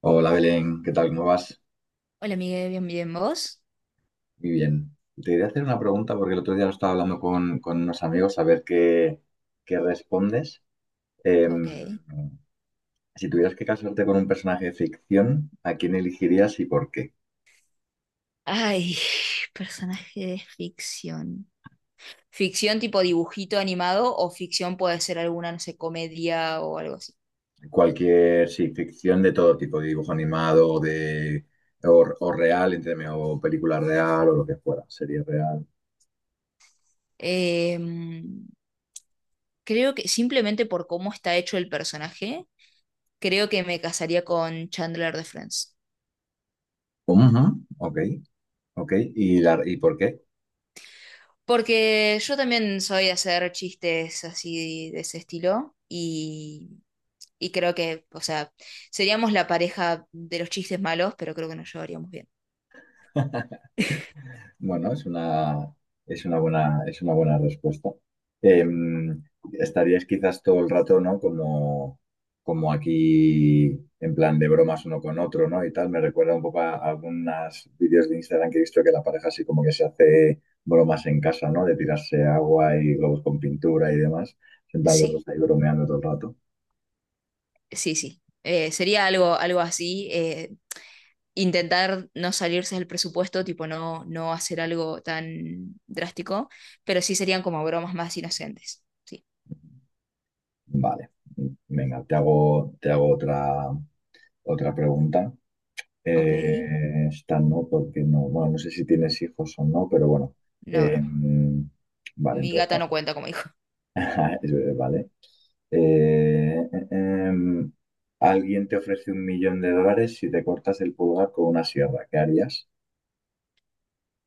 Hola Belén, ¿qué tal? ¿Cómo vas? Hola, Miguel, bien, bien, ¿vos? Muy bien. Te quería hacer una pregunta porque el otro día lo estaba hablando con unos amigos a ver qué respondes. Em, Ok. si tuvieras que casarte con un personaje de ficción, ¿a quién elegirías y por qué? Ay, personaje de ficción. ¿Ficción tipo dibujito animado o ficción puede ser alguna, no sé, comedia o algo así? Cualquier, sí, ficción de todo tipo, de dibujo animado o de, o real, entiéndeme, o película real o lo que fuera, serie real. Em, Creo que simplemente por cómo está hecho el personaje, creo que me casaría con Chandler de Friends. Ujú, ok, ok. ¿Y por qué? Porque yo también soy de hacer chistes así de ese estilo y creo que, o sea, seríamos la pareja de los chistes malos, pero creo que nos llevaríamos bien. Bueno, es una buena respuesta. Em, Estarías quizás todo el rato, ¿no? Como, como aquí, en plan de bromas uno con otro, ¿no? Y tal. Me recuerda un poco a algunos vídeos de Instagram que he visto que la pareja así como que se hace bromas en casa, ¿no? De tirarse agua y globos con pintura y demás. Sentados los Sí. dos ahí bromeando todo el rato. Sí, sí. Sería algo, algo así. Intentar no salirse del presupuesto, tipo no, no hacer algo tan drástico, pero sí serían como bromas más inocentes. Sí. Vale. Venga, te hago otra pregunta. Ok. Esta no, porque no, bueno, no sé si tienes hijos o no, pero bueno. No, Eh, no. vale, Mi entonces, gata bueno, no cuenta como hijo. es verdad, vale. Eh, eh, em, Alguien te ofrece $1 millón si te cortas el pulgar con una sierra, ¿qué harías?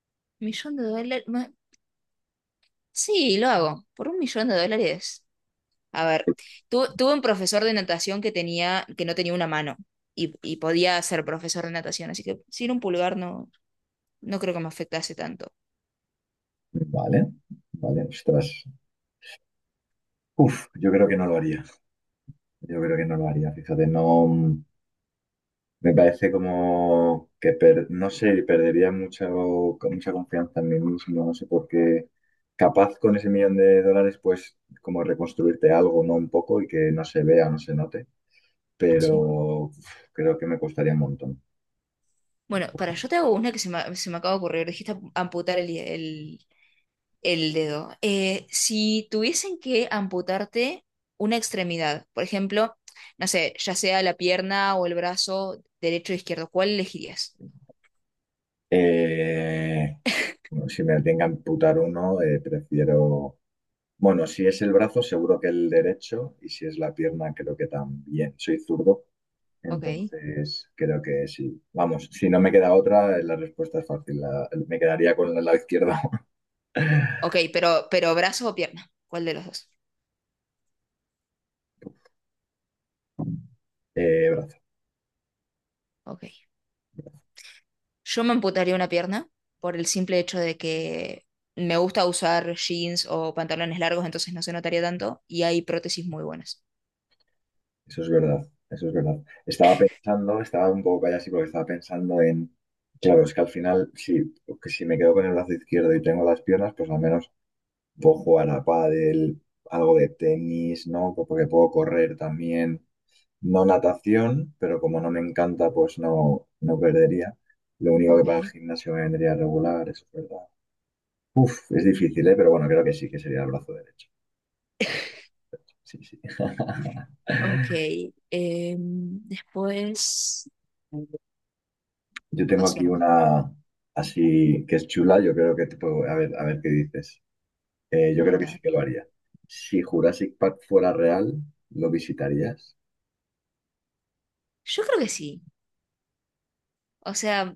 $1.000.000. Sí, lo hago. Por $1.000.000. A ver, tuve un profesor de natación que no tenía una mano y podía ser profesor de natación, así que sin un pulgar no, no creo que me afectase tanto. Vale, vale, ostras. Uf, yo creo que no lo haría. Yo creo que no lo haría. Fíjate, no. Me parece como que, no sé, perdería mucha confianza en mí mismo, no sé por qué. Capaz con ese millón de dólares, pues, como reconstruirte algo, ¿no? Un poco y que no se vea, no se note, pero uf, creo que me costaría un montón. Bueno, para yo te hago una que se me acaba de ocurrir. Dijiste amputar el, el dedo. Si tuviesen que amputarte una extremidad, por ejemplo, no sé, ya sea la pierna o el brazo derecho o izquierdo, ¿cuál elegirías? Eh, bueno, si me tenga que amputar uno, prefiero... Bueno, si es el brazo, seguro que el derecho, y si es la pierna, creo que también. Soy zurdo. Ok. Entonces, creo que sí. Vamos, si no me queda otra, la respuesta es fácil. Me quedaría con el lado izquierdo. Ok, pero brazo o pierna, ¿cuál de los dos? Brazo. Ok. Yo me amputaría una pierna por el simple hecho de que me gusta usar jeans o pantalones largos, entonces no se notaría tanto y hay prótesis muy buenas. Eso es verdad. Eso es verdad. Estaba pensando, estaba un poco callado así porque estaba pensando en. Claro, es que al final, sí, que si me quedo con el brazo izquierdo y tengo las piernas, pues al menos puedo jugar a pádel, algo de tenis, ¿no? Porque puedo correr también. No natación, pero como no me encanta, pues no, no perdería. Lo único que para el Ok. gimnasio me vendría regular, eso es verdad. Uf, es difícil, ¿eh? Pero bueno, creo que sí, que sería el brazo derecho. Pues, sí, sí. Ok, después Yo tengo pasó aquí la. una así que es chula, yo creo que te puedo, a ver qué dices. Yo creo que Dale. sí que lo haría. Si Jurassic Park fuera real, ¿lo visitarías? Yo creo que sí. O sea,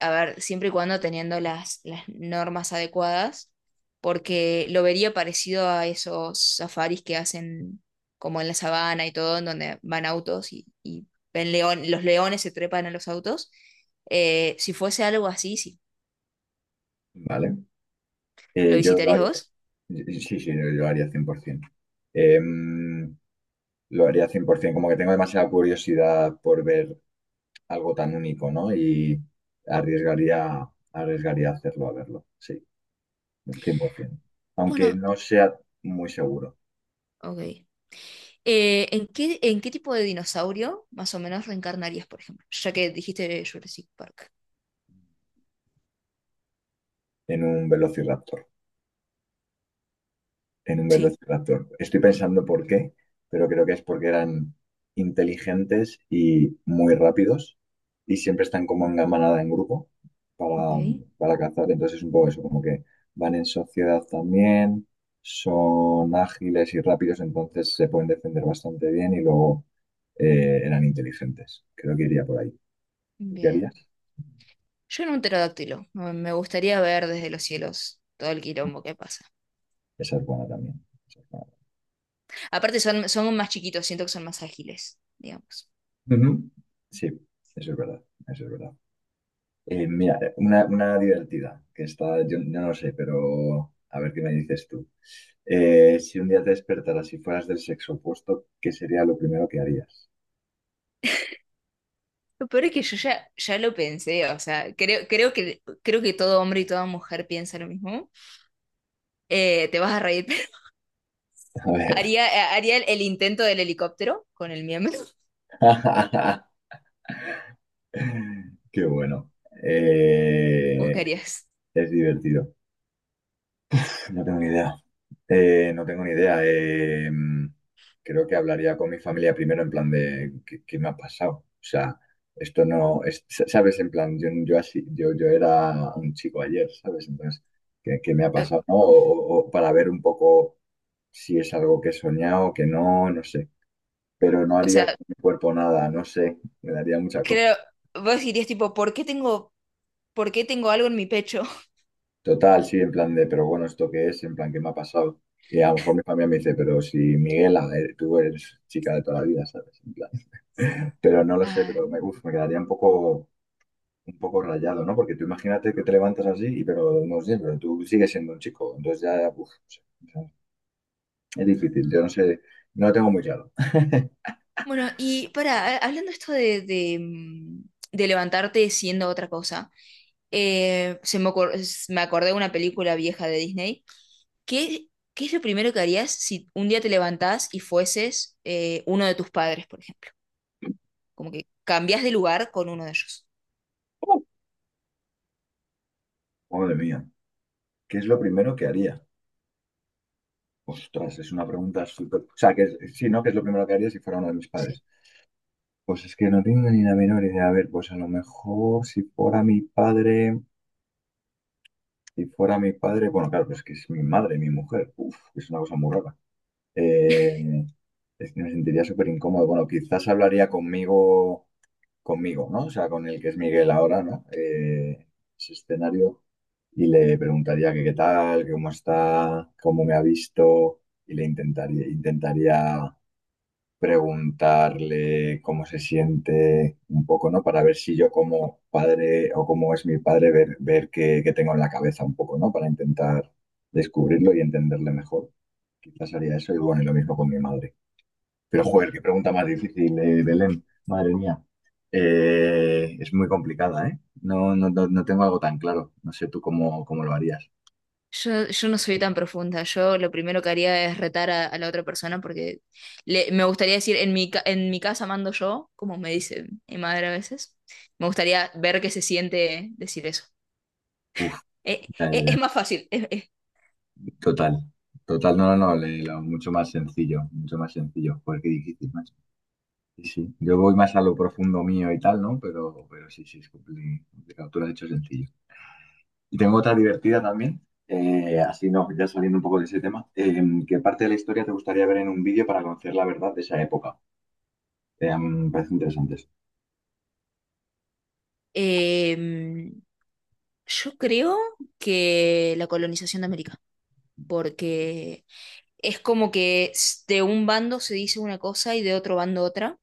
a ver, siempre y cuando teniendo las normas adecuadas, porque lo vería parecido a esos safaris que hacen como en la sabana y todo, en donde van autos y ven león, los leones se trepan a los autos. Si fuese algo así, sí. ¿Vale? ¿Lo Yo lo visitarías haría. vos? Sí, sí, yo lo haría 100%. Eh, Lo haría 100%, como que tengo demasiada curiosidad por ver algo tan único, ¿no? Y arriesgaría hacerlo a verlo, sí, 100%. Aunque Bueno, no sea muy seguro ok. ¿En qué tipo de dinosaurio más o menos reencarnarías, por ejemplo? Ya que dijiste Jurassic Park. en un velociraptor. Sí. Estoy pensando por qué, pero creo que es porque eran inteligentes y muy rápidos y siempre están como en manada, en grupo, para, Ok, para cazar. Entonces es un poco eso, como que van en sociedad también, son ágiles y rápidos, entonces se pueden defender bastante bien y luego eran inteligentes. Creo que iría por ahí. ¿Tú qué bien. harías? Yo en un pterodáctilo. Me gustaría ver desde los cielos todo el quilombo que pasa. Esa es buena también. Esa es buena. Aparte son más chiquitos, siento que son más ágiles, digamos. Ujú. Sí, eso es verdad, eso es verdad. Mira, una divertida, que está, yo no lo sé, pero a ver qué me dices tú. Si un día te despertaras y fueras del sexo opuesto, ¿qué sería lo primero que harías? Lo peor es que yo ya lo pensé, o sea, creo que todo hombre y toda mujer piensa lo mismo. Te vas a reír. A ver. Haría el intento del helicóptero con el miembro. Qué bueno. Eh, Buscarías, es divertido. No tengo ni idea. No tengo ni idea. Creo que hablaría con mi familia primero en plan de ¿qué, qué me ha pasado? O sea, esto no es, ¿sabes? En plan, yo, yo así, yo era un chico ayer, ¿sabes? Entonces, ¿qué me ha pasado? ¿No? O para ver un poco si es algo que he soñado, que no, no sé. Pero no o haría sea, con mi cuerpo nada, no sé. Me daría mucha cosa. creo, vos dirías tipo, ¿por qué tengo algo en mi pecho? Total, sí, en plan de, pero bueno, ¿esto qué es? En plan, ¿qué me ha pasado? Y a lo mejor mi familia me dice, pero si Miguela, tú eres chica de toda la vida, ¿sabes? En plan, pero no lo sé, pero Ay. Me quedaría un poco rayado, ¿no? Porque tú imagínate que te levantas así, y pero no sé, pero tú sigues siendo un chico, entonces ya, uf, no sé, o sea, es difícil, yo no sé, no lo tengo muy claro. Bueno, y para, hablando esto de levantarte siendo otra cosa, se me ocor- s- me acordé de una película vieja de Disney. ¿Qué, qué es lo primero que harías si un día te levantás y fueses uno de tus padres, por ejemplo? Como que cambias de lugar con uno de ellos. Madre mía, ¿qué es lo primero que haría? Ostras, es una pregunta súper... O sea, que, sí, ¿no? ¿Qué es lo primero que haría si fuera uno de mis Sí. padres? Pues es que no tengo ni la menor idea. A ver, pues a lo mejor si fuera mi padre, si fuera mi padre, bueno, claro, pues es que es mi madre, mi mujer. Uf, es una cosa muy rara. Eh, es que me sentiría súper incómodo. Bueno, quizás hablaría conmigo, ¿no? O sea, con el que es Miguel ahora, ¿no? Ese escenario. Y le preguntaría que qué tal, que cómo está, cómo me ha visto. Y le intentaría preguntarle cómo se siente un poco, ¿no? Para ver si yo como padre o cómo es mi padre, ver qué tengo en la cabeza un poco, ¿no? Para intentar descubrirlo y entenderle mejor. Quizás haría eso y bueno, y lo mismo con mi madre. Pero joder, qué Ok. pregunta más difícil, Belén, madre mía. Es muy complicada, ¿eh? No, no, no, no tengo algo tan claro. No sé tú cómo, cómo lo harías. Yo no soy tan profunda. Yo lo primero que haría es retar a la otra persona porque me gustaría decir, en mi casa mando yo, como me dice mi madre a veces. Me gustaría ver qué se siente decir eso. Uf, Eh, ya, ya, eh, es ya. más fácil. Total. Total, no, no, no, mucho más sencillo, mucho más sencillo. Joder, qué difícil, macho. Sí, sí. Yo voy más a lo profundo mío y tal, ¿no? Pero sí, sí, es complicado. Tú lo has dicho sencillo. Y tengo otra divertida también, así no, ya saliendo un poco de ese tema. ¿Qué parte de la historia te gustaría ver en un vídeo para conocer la verdad de esa época? A mí me parecen interesantes. Eh, yo creo que la colonización de América, porque es como que de un bando se dice una cosa y de otro bando otra.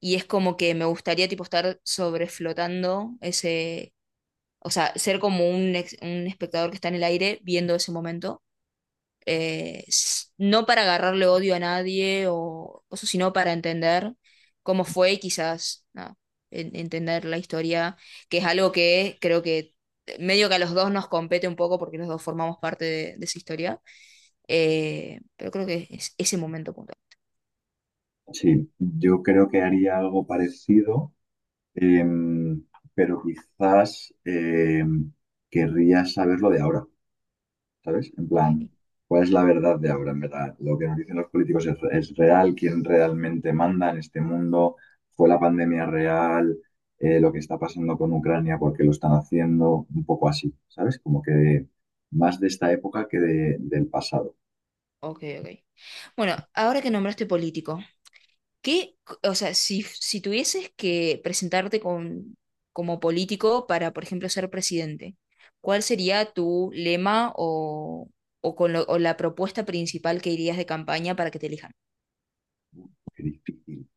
Y es como que me gustaría tipo estar sobreflotando ese, o sea, ser como un espectador que está en el aire viendo ese momento, no para agarrarle odio a nadie o cosas, sino para entender cómo fue y quizás nada, entender la historia, que es algo que creo que medio que a los dos nos compete un poco porque los dos formamos parte de esa historia, pero creo que es ese momento puntual. Sí, yo creo que haría algo parecido, eh, pero quizás querría saber lo de ahora. ¿Sabes? En Ok, plan, ¿cuál es la verdad de ahora, en verdad? ¿Lo que nos dicen los políticos es real? ¿Quién realmente manda en este mundo? ¿Fue la pandemia real? ¿Lo que está pasando con Ucrania? ¿Por qué lo están haciendo? Un poco así, ¿sabes? Como que más de esta época que del pasado. ok, ok. Bueno, ahora que nombraste político. ¿Qué, o sea, si tuvieses que presentarte con, como político para, por ejemplo, ser presidente, ¿cuál sería tu lema o la propuesta principal que irías de campaña para que te elijan? Qué difícil,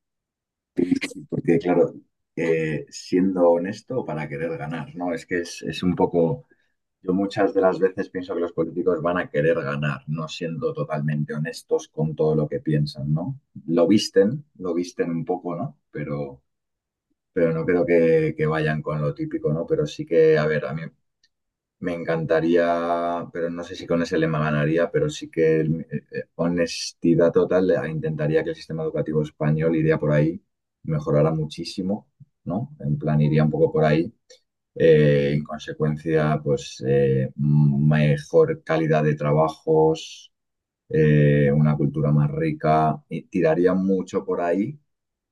qué difícil, porque claro, siendo honesto para querer ganar, ¿no? Es que es un poco... Yo muchas de las veces pienso que los políticos van a querer ganar, no siendo totalmente honestos con todo lo que piensan, ¿no? Lo visten un poco, ¿no? Pero no creo que vayan con lo típico, ¿no? Pero sí que, a ver, a mí me encantaría, pero no sé si con ese lema ganaría, pero sí que honestidad total, intentaría que el sistema educativo español iría por ahí, mejorara muchísimo, ¿no? En plan, iría un poco por ahí en Ok, consecuencia, pues mejor calidad de trabajos, una cultura más rica, y tiraría mucho por ahí.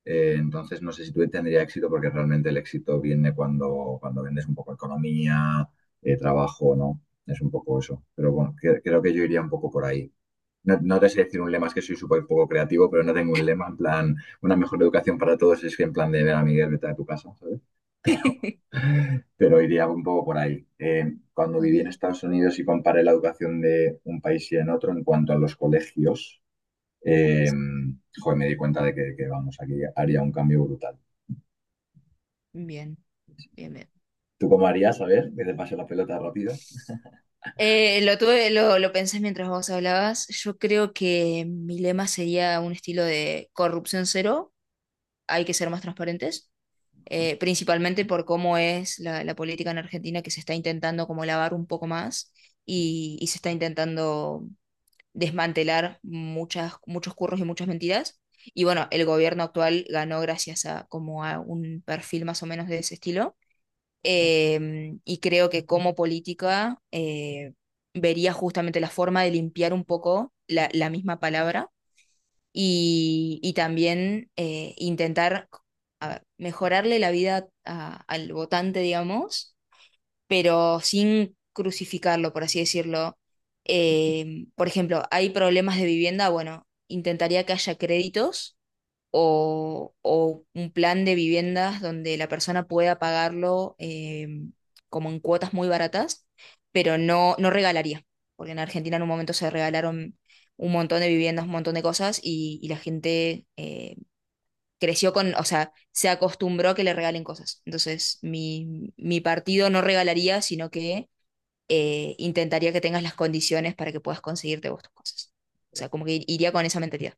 Entonces, no sé si tú tendría éxito porque realmente el éxito viene cuando vendes un poco economía, trabajo, ¿no? Es un poco eso. Pero bueno, creo que yo iría un poco por ahí. No, no te sé decir un lema, es que soy súper poco creativo, pero no tengo un lema en plan, una mejor educación para todos, es que en plan de ver a Miguel, vete a tu casa, ¿sabes? Pero iría un poco por ahí. Cuando viví en ok, Estados Unidos y comparé la educación de un país y en otro en cuanto a los colegios, eh, joder, me di cuenta de vamos, aquí haría un cambio brutal. bien, bien, bien. ¿Tú cómo harías? A ver, que te pase la pelota rápido. Lo pensé mientras vos hablabas. Yo creo que mi lema sería un estilo de corrupción cero, hay que ser más transparentes. Principalmente por cómo es la política en Argentina, que se está intentando como lavar un poco más y se está intentando desmantelar muchas, muchos curros y muchas mentiras. Y bueno, el gobierno actual ganó gracias a como a un perfil más o menos de ese estilo. Y creo que como política vería justamente la forma de limpiar un poco la misma palabra y también intentar, a ver, mejorarle la vida al votante, digamos, pero sin crucificarlo, por así decirlo. Por ejemplo, hay problemas de vivienda, bueno, intentaría que haya créditos o un plan de viviendas donde la persona pueda pagarlo, como en cuotas muy baratas, pero no, no regalaría, porque en Argentina en un momento se regalaron un montón de viviendas, un montón de cosas, y la gente creció con, o sea, se acostumbró a que le regalen cosas. Entonces, mi partido no regalaría, sino que intentaría que tengas las condiciones para que puedas conseguirte vos tus cosas. O sea, como que iría con esa mentalidad.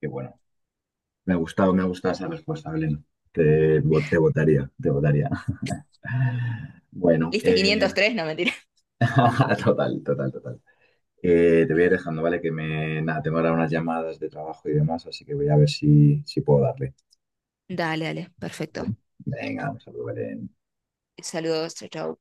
Que bueno, me ha gustado esa respuesta, Belén. Te, te votaría, te votaría. Bueno, Lista, 503, no. total, total, total. Te voy a ir dejando, ¿vale? Que me, nada, tengo ahora unas llamadas de trabajo y demás, así que voy a ver si, puedo darle. Dale, dale, perfecto. Venga, vamos a probar en Saludos, chao, chao.